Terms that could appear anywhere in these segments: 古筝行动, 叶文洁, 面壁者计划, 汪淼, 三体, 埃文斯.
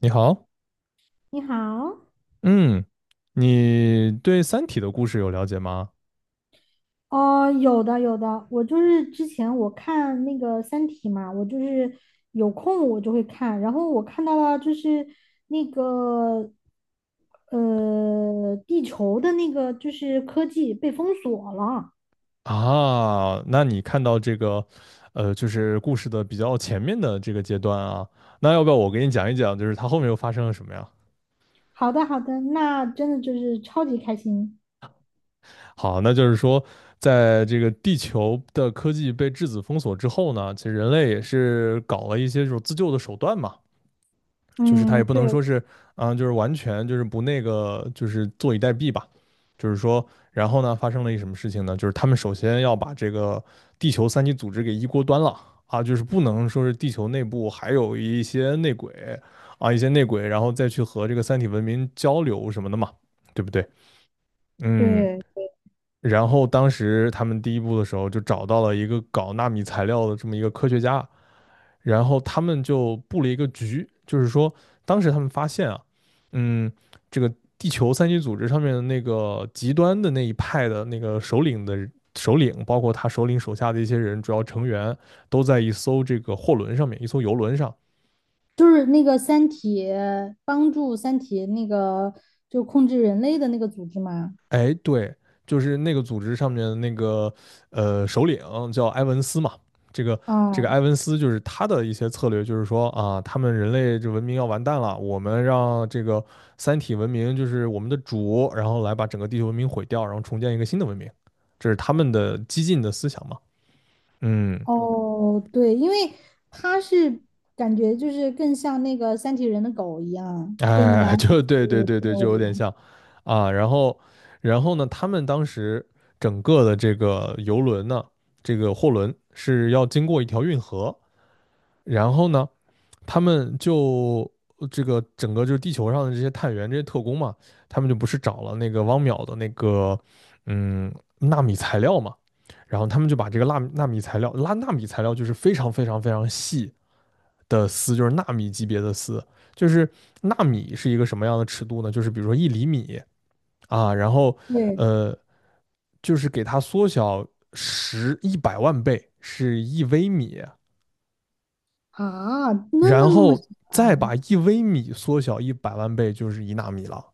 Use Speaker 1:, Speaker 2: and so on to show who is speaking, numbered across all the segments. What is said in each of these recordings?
Speaker 1: 你好，
Speaker 2: 你好。
Speaker 1: 嗯，你对《三体》的故事有了解吗？
Speaker 2: 哦，有的有的，我就是之前我看那个《三体》嘛，我就是有空我就会看，然后我看到了就是那个地球的那个就是科技被封锁了。
Speaker 1: 啊，那你看到这个，就是故事的比较前面的这个阶段啊。那要不要我给你讲一讲，就是它后面又发生了什么呀？
Speaker 2: 好的好的，那真的就是超级开心。
Speaker 1: 好，那就是说，在这个地球的科技被质子封锁之后呢，其实人类也是搞了一些这种自救的手段嘛。就是他也
Speaker 2: 嗯，
Speaker 1: 不
Speaker 2: 对
Speaker 1: 能说是啊、就是完全就是不那个，就是坐以待毙吧。就是说，然后呢，发生了一什么事情呢？就是他们首先要把这个地球三级组织给一锅端了啊，就是不能说是地球内部还有一些内鬼啊，一些内鬼，然后再去和这个三体文明交流什么的嘛，对不对？嗯。
Speaker 2: 对，
Speaker 1: 然后当时他们第一步的时候就找到了一个搞纳米材料的这么一个科学家，然后他们就布了一个局，就是说当时他们发现啊。嗯，这个地球三级组织上面的那个极端的那一派的那个首领的首领，包括他首领手下的一些人，主要成员都在一艘这个货轮上面，一艘游轮上。
Speaker 2: 就是那个《三体》，帮助《三体》那个就控制人类的那个组织嘛。
Speaker 1: 哎，对，就是那个组织上面的那个首领叫埃文斯嘛。这个这个
Speaker 2: 啊。
Speaker 1: 埃文斯就是他的一些策略，就是说啊，他们人类这文明要完蛋了，我们让这个三体文明就是我们的主，然后来把整个地球文明毁掉，然后重建一个新的文明，这是他们的激进的思想嘛。嗯
Speaker 2: 哦，对，因为他是感觉就是更像那个三体人的狗一 样，就是那个
Speaker 1: 哎，
Speaker 2: 安琪，
Speaker 1: 就对对
Speaker 2: 我记
Speaker 1: 对
Speaker 2: 得
Speaker 1: 对，
Speaker 2: 我
Speaker 1: 就
Speaker 2: 记
Speaker 1: 有
Speaker 2: 得，
Speaker 1: 点像啊。然后呢，他们当时整个的这个游轮呢，这个货轮是要经过一条运河，然后呢，他们就这个整个就是地球上的这些探员、这些特工嘛，他们就不是找了那个汪淼的那个嗯纳米材料嘛，然后他们就把这个纳米材料，拉纳米材料就是非常非常非常细的丝，就是纳米级别的丝。就是纳米是一个什么样的尺度呢？就是比如说一厘米啊，然后
Speaker 2: 对
Speaker 1: 呃，就是给它缩小一百万倍是一微米，
Speaker 2: 啊，那么
Speaker 1: 然
Speaker 2: 那么小
Speaker 1: 后再
Speaker 2: 啊。
Speaker 1: 把一微米缩小一百万倍就是1纳米了。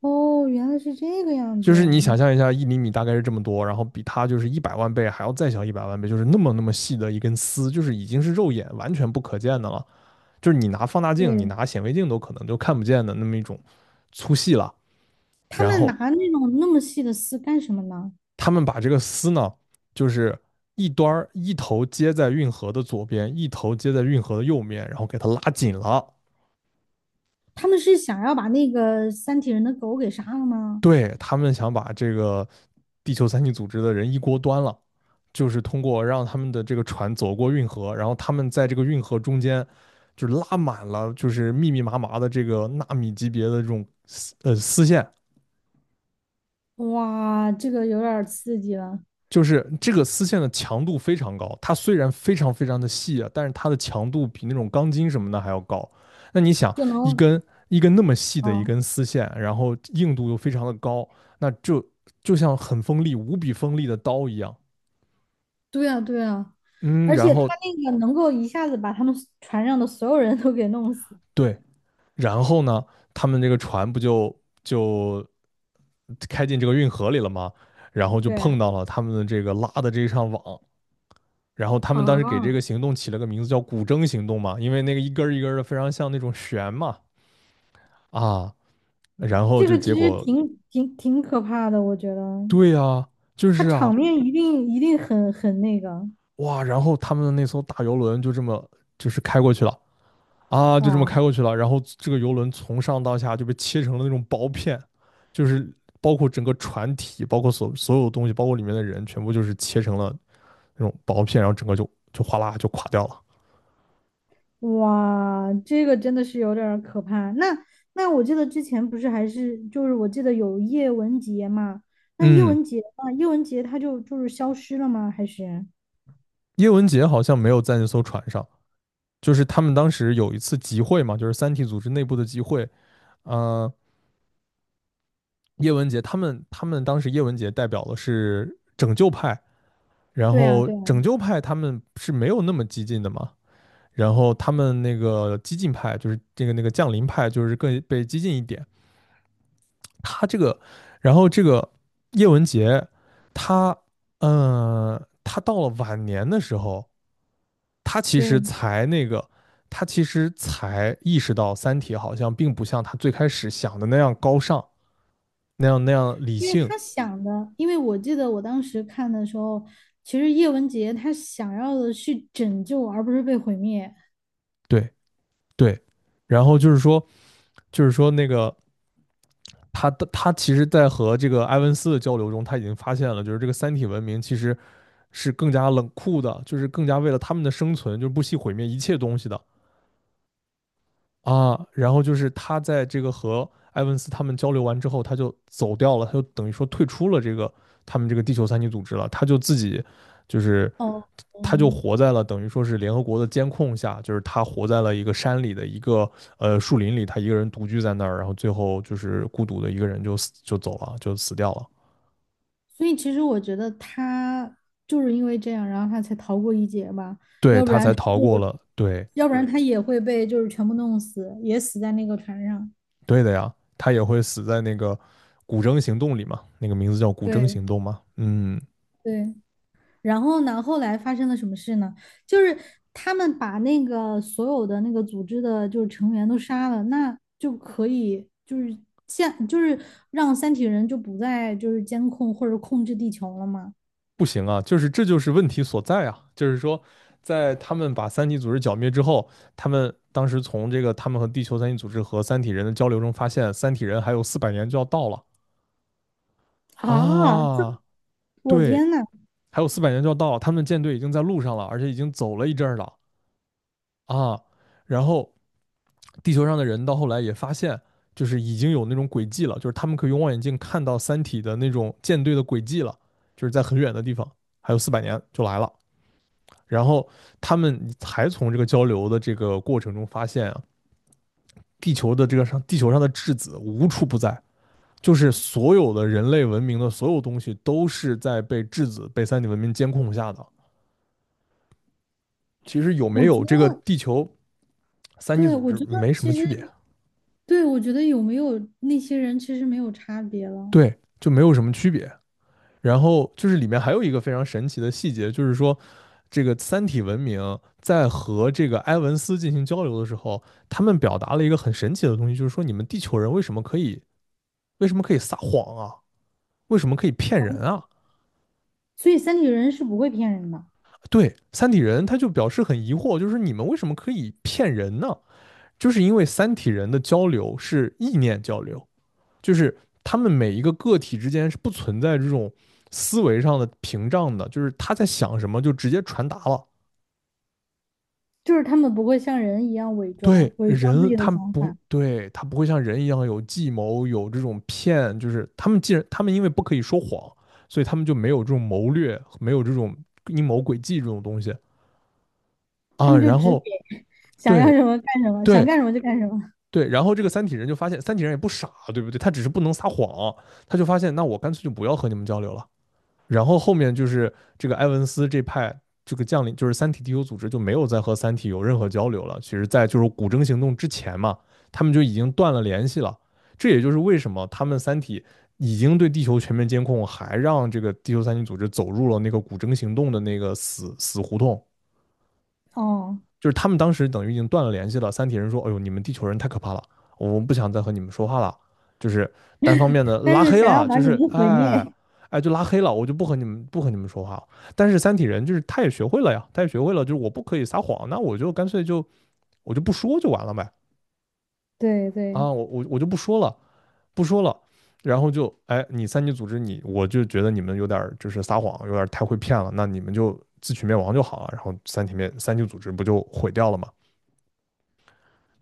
Speaker 2: 哦，原来是这个样子。
Speaker 1: 就是你想象一下，一厘米大概是这么多，然后比它就是一百万倍还要再小一百万倍，就是那么那么细的一根丝，就是已经是肉眼完全不可见的了，就是你拿放大镜、你
Speaker 2: 对，
Speaker 1: 拿显微镜都可能就看不见的那么一种粗细了。
Speaker 2: 他
Speaker 1: 然
Speaker 2: 们拿
Speaker 1: 后
Speaker 2: 那种那么细的丝干什么呢？
Speaker 1: 他们把这个丝呢，就是一头接在运河的左边，一头接在运河的右面，然后给它拉紧了。
Speaker 2: 他们是想要把那个三体人的狗给杀了吗？
Speaker 1: 对，他们想把这个地球三体组织的人一锅端了，就是通过让他们的这个船走过运河，然后他们在这个运河中间就拉满了，就是密密麻麻的这个纳米级别的这种丝线，
Speaker 2: 哇，这个有点儿刺激了。
Speaker 1: 就是这个丝线的强度非常高，它虽然非常非常的细啊，但是它的强度比那种钢筋什么的还要高。那你想，
Speaker 2: 就
Speaker 1: 一
Speaker 2: 能，
Speaker 1: 根一根那么细
Speaker 2: 啊！
Speaker 1: 的一根丝线，然后硬度又非常的高，那就像很锋利、无比锋利的刀一样。
Speaker 2: 对啊对啊，
Speaker 1: 嗯，
Speaker 2: 而
Speaker 1: 然
Speaker 2: 且他
Speaker 1: 后
Speaker 2: 那个能够一下子把他们船上的所有人都给弄死。
Speaker 1: 对，然后呢，他们这个船不就开进这个运河里了吗？然后就
Speaker 2: 对
Speaker 1: 碰到了他们的这个拉的这一上网，然后他们当时给这
Speaker 2: 啊，
Speaker 1: 个行动起了个名字叫“古筝行动”嘛，因为那个一根一根的非常像那种弦嘛啊。然后
Speaker 2: 这
Speaker 1: 就
Speaker 2: 个
Speaker 1: 结
Speaker 2: 其实
Speaker 1: 果
Speaker 2: 挺挺挺可怕的，我觉得
Speaker 1: 对啊，就
Speaker 2: 他
Speaker 1: 是
Speaker 2: 场
Speaker 1: 啊，
Speaker 2: 面一定很那个
Speaker 1: 哇，然后他们的那艘大游轮就这么就是开过去了啊，就这么
Speaker 2: 啊。
Speaker 1: 开过去了，然后这个游轮从上到下就被切成了那种薄片，就是包括整个船体，包括所有东西，包括里面的人，全部就是切成了那种薄片，然后整个就哗啦就垮掉了。
Speaker 2: 哇，这个真的是有点儿可怕。那那我记得之前不是还是就是我记得有叶文洁嘛，那叶
Speaker 1: 嗯，
Speaker 2: 文洁呢？叶文洁她就是消失了吗？还是？
Speaker 1: 叶文洁好像没有在那艘船上。就是他们当时有一次集会嘛，就是三体组织内部的集会。呃，叶文洁他们当时叶文洁代表的是拯救派，然
Speaker 2: 对啊，
Speaker 1: 后
Speaker 2: 对啊，
Speaker 1: 拯救派他们是没有那么激进的嘛，然后他们那个激进派就是这个那个降临派就是更被激进一点，他这个，然后这个叶文洁他，他到了晚年的时候。他其实
Speaker 2: 对，
Speaker 1: 才那个，他其实才意识到《三体》好像并不像他最开始想的那样高尚，那样理
Speaker 2: 因为
Speaker 1: 性。
Speaker 2: 他想的，因为我记得我当时看的时候，其实叶文洁她想要的是拯救，而不是被毁灭。
Speaker 1: 对对，然后就是说，那个他其实，在和这个埃文斯的交流中，他已经发现了，就是这个三体文明其实是更加冷酷的，就是更加为了他们的生存，就是不惜毁灭一切东西的。啊，然后就是他在这个和埃文斯他们交流完之后，他就走掉了，他就等于说退出了这个他们这个地球三级组织了，他就自己就是
Speaker 2: 哦，
Speaker 1: 他就
Speaker 2: 嗯。
Speaker 1: 活在了等于说是联合国的监控下，就是他活在了一个山里的一个树林里，他一个人独居在那儿，然后最后就是孤独的一个人就死就走了，就死掉了。
Speaker 2: 所以其实我觉得他就是因为这样，然后他才逃过一劫吧。
Speaker 1: 对，
Speaker 2: 要不
Speaker 1: 他
Speaker 2: 然
Speaker 1: 才逃过了，对，
Speaker 2: 要不然他也会被就是全部弄死，也死在那个船上。
Speaker 1: 对的呀，他也会死在那个古筝行动里嘛，那个名字叫古筝
Speaker 2: 对
Speaker 1: 行动嘛。嗯，
Speaker 2: 对，然后呢，后来发生了什么事呢？就是他们把那个所有的那个组织的就是成员都杀了，那就可以就是监就是让三体人就不再就是监控或者控制地球了嘛。
Speaker 1: 不行啊，就是这就是问题所在啊，就是说，在他们把三体组织剿灭之后，他们当时从这个他们和地球三体组织和三体人的交流中发现，三体人还有四百年就要到了
Speaker 2: 啊，
Speaker 1: 啊。
Speaker 2: 我的
Speaker 1: 对，
Speaker 2: 天呐！
Speaker 1: 还有四百年就要到了，他们的舰队已经在路上了，而且已经走了一阵儿了啊，然后地球上的人到后来也发现。就是已经有那种轨迹了，就是他们可以用望远镜看到三体的那种舰队的轨迹了，就是在很远的地方，还有四百年就来了。然后他们才从这个交流的这个过程中发现啊，地球上的质子无处不在，就是所有的人类文明的所有东西都是在被质子、被三体文明监控下的。其实有没
Speaker 2: 我觉。
Speaker 1: 有这个地球三体
Speaker 2: 对，
Speaker 1: 组
Speaker 2: 我
Speaker 1: 织
Speaker 2: 觉得
Speaker 1: 没什么
Speaker 2: 其
Speaker 1: 区
Speaker 2: 实，
Speaker 1: 别。
Speaker 2: 对，我觉得有没有那些人其实没有差别了。
Speaker 1: 对，就没有什么区别。然后就是里面还有一个非常神奇的细节，就是说，这个三体文明在和这个埃文斯进行交流的时候，他们表达了一个很神奇的东西，就是说你们地球人为什么可以撒谎啊？为什么可以骗人啊？
Speaker 2: 所以三体人是不会骗人的，
Speaker 1: 对，三体人他就表示很疑惑，就是你们为什么可以骗人呢？就是因为三体人的交流是意念交流，就是他们每一个个体之间是不存在这种思维上的屏障的，就是他在想什么就直接传达了。
Speaker 2: 就是他们不会像人一样伪装，
Speaker 1: 对
Speaker 2: 伪装自
Speaker 1: 人，
Speaker 2: 己的
Speaker 1: 他
Speaker 2: 想
Speaker 1: 不
Speaker 2: 法，
Speaker 1: 对，他不会像人一样有计谋，有这种骗，就是他们因为不可以说谎，所以他们就没有这种谋略，没有这种阴谋诡计这种东西。
Speaker 2: 他
Speaker 1: 啊，
Speaker 2: 们就
Speaker 1: 然
Speaker 2: 只给
Speaker 1: 后
Speaker 2: 想要
Speaker 1: 对
Speaker 2: 什么干什么，想
Speaker 1: 对
Speaker 2: 干什么就干什么。
Speaker 1: 对，然后这个三体人就发现，三体人也不傻，对不对？他只是不能撒谎，他就发现，那我干脆就不要和你们交流了。然后后面就是这个埃文斯这派这个将领，就是三体地球组织就没有再和三体有任何交流了。其实，在就是古筝行动之前嘛，他们就已经断了联系了。这也就是为什么他们三体已经对地球全面监控，还让这个地球三体组织走入了那个古筝行动的那个死胡同。
Speaker 2: 哦，
Speaker 1: 就是他们当时等于已经断了联系了。三体人说：“哎呦，你们地球人太可怕了，我们不想再和你们说话了。”就是单方面的
Speaker 2: 但
Speaker 1: 拉
Speaker 2: 是
Speaker 1: 黑
Speaker 2: 想要
Speaker 1: 了，
Speaker 2: 把
Speaker 1: 就
Speaker 2: 你
Speaker 1: 是
Speaker 2: 们毁
Speaker 1: 哎，
Speaker 2: 灭。
Speaker 1: 就拉黑了，我就不和你们说话了。但是三体人就是他也学会了呀，他也学会了，就是我不可以撒谎，那我就干脆就我就不说就完了呗。
Speaker 2: 对对，
Speaker 1: 啊，我就不说了，不说了。然后就哎，你三级组织你，我就觉得你们有点就是撒谎，有点太会骗了，那你们就自取灭亡就好了。然后三体面三级组织不就毁掉了吗？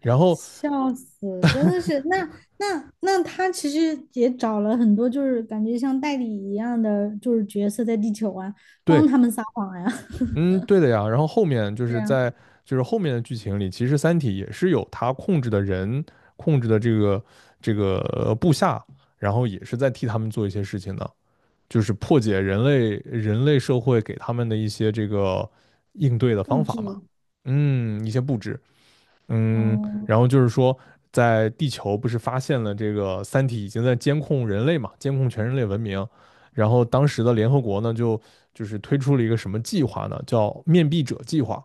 Speaker 1: 然后
Speaker 2: 笑死，真的是。那那他其实也找了很多，就是感觉像代理一样的，就是角色在地球啊，帮
Speaker 1: 对，
Speaker 2: 他们撒谎呀、
Speaker 1: 嗯，对的呀。然后后面就
Speaker 2: 对
Speaker 1: 是
Speaker 2: 呀、啊，
Speaker 1: 就是后面的剧情里，其实三体也是有他控制的人，控制的这个部下，然后也是在替他们做一些事情的，就是破解人类社会给他们的一些这个应对的方
Speaker 2: 固
Speaker 1: 法嘛。
Speaker 2: 执。
Speaker 1: 嗯，一些布置。
Speaker 2: 哦，
Speaker 1: 然后就是说，在地球不是发现了这个三体已经在监控人类嘛，监控全人类文明。然后当时的联合国呢，就是推出了一个什么计划呢？叫面壁者计划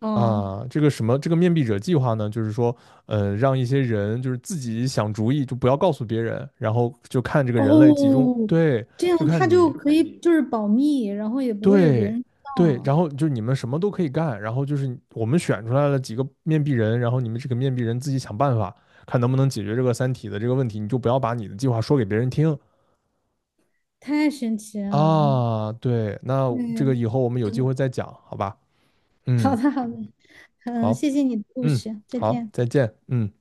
Speaker 2: 哦，
Speaker 1: 啊。这个什么这个面壁者计划呢，就是说，让一些人就是自己想主意，就不要告诉别人，然后就看这个人类集中，
Speaker 2: 哦，
Speaker 1: 对，
Speaker 2: 这样
Speaker 1: 就
Speaker 2: 他
Speaker 1: 看
Speaker 2: 就
Speaker 1: 你，
Speaker 2: 可以就是保密，然后也不会有别
Speaker 1: 对，
Speaker 2: 人知
Speaker 1: 对，
Speaker 2: 道，
Speaker 1: 然后就是你们什么都可以干，然后就是我们选出来了几个面壁人，然后你们这个面壁人自己想办法，看能不能解决这个三体的这个问题，你就不要把你的计划说给别人听
Speaker 2: 太神奇了。
Speaker 1: 啊。对，那这个
Speaker 2: 嗯，
Speaker 1: 以后我们有机会
Speaker 2: 嗯，
Speaker 1: 再讲，好吧？
Speaker 2: 好
Speaker 1: 嗯，
Speaker 2: 的好的，嗯，
Speaker 1: 好，
Speaker 2: 谢谢你的故
Speaker 1: 嗯，
Speaker 2: 事，再
Speaker 1: 好，
Speaker 2: 见。
Speaker 1: 再见，嗯。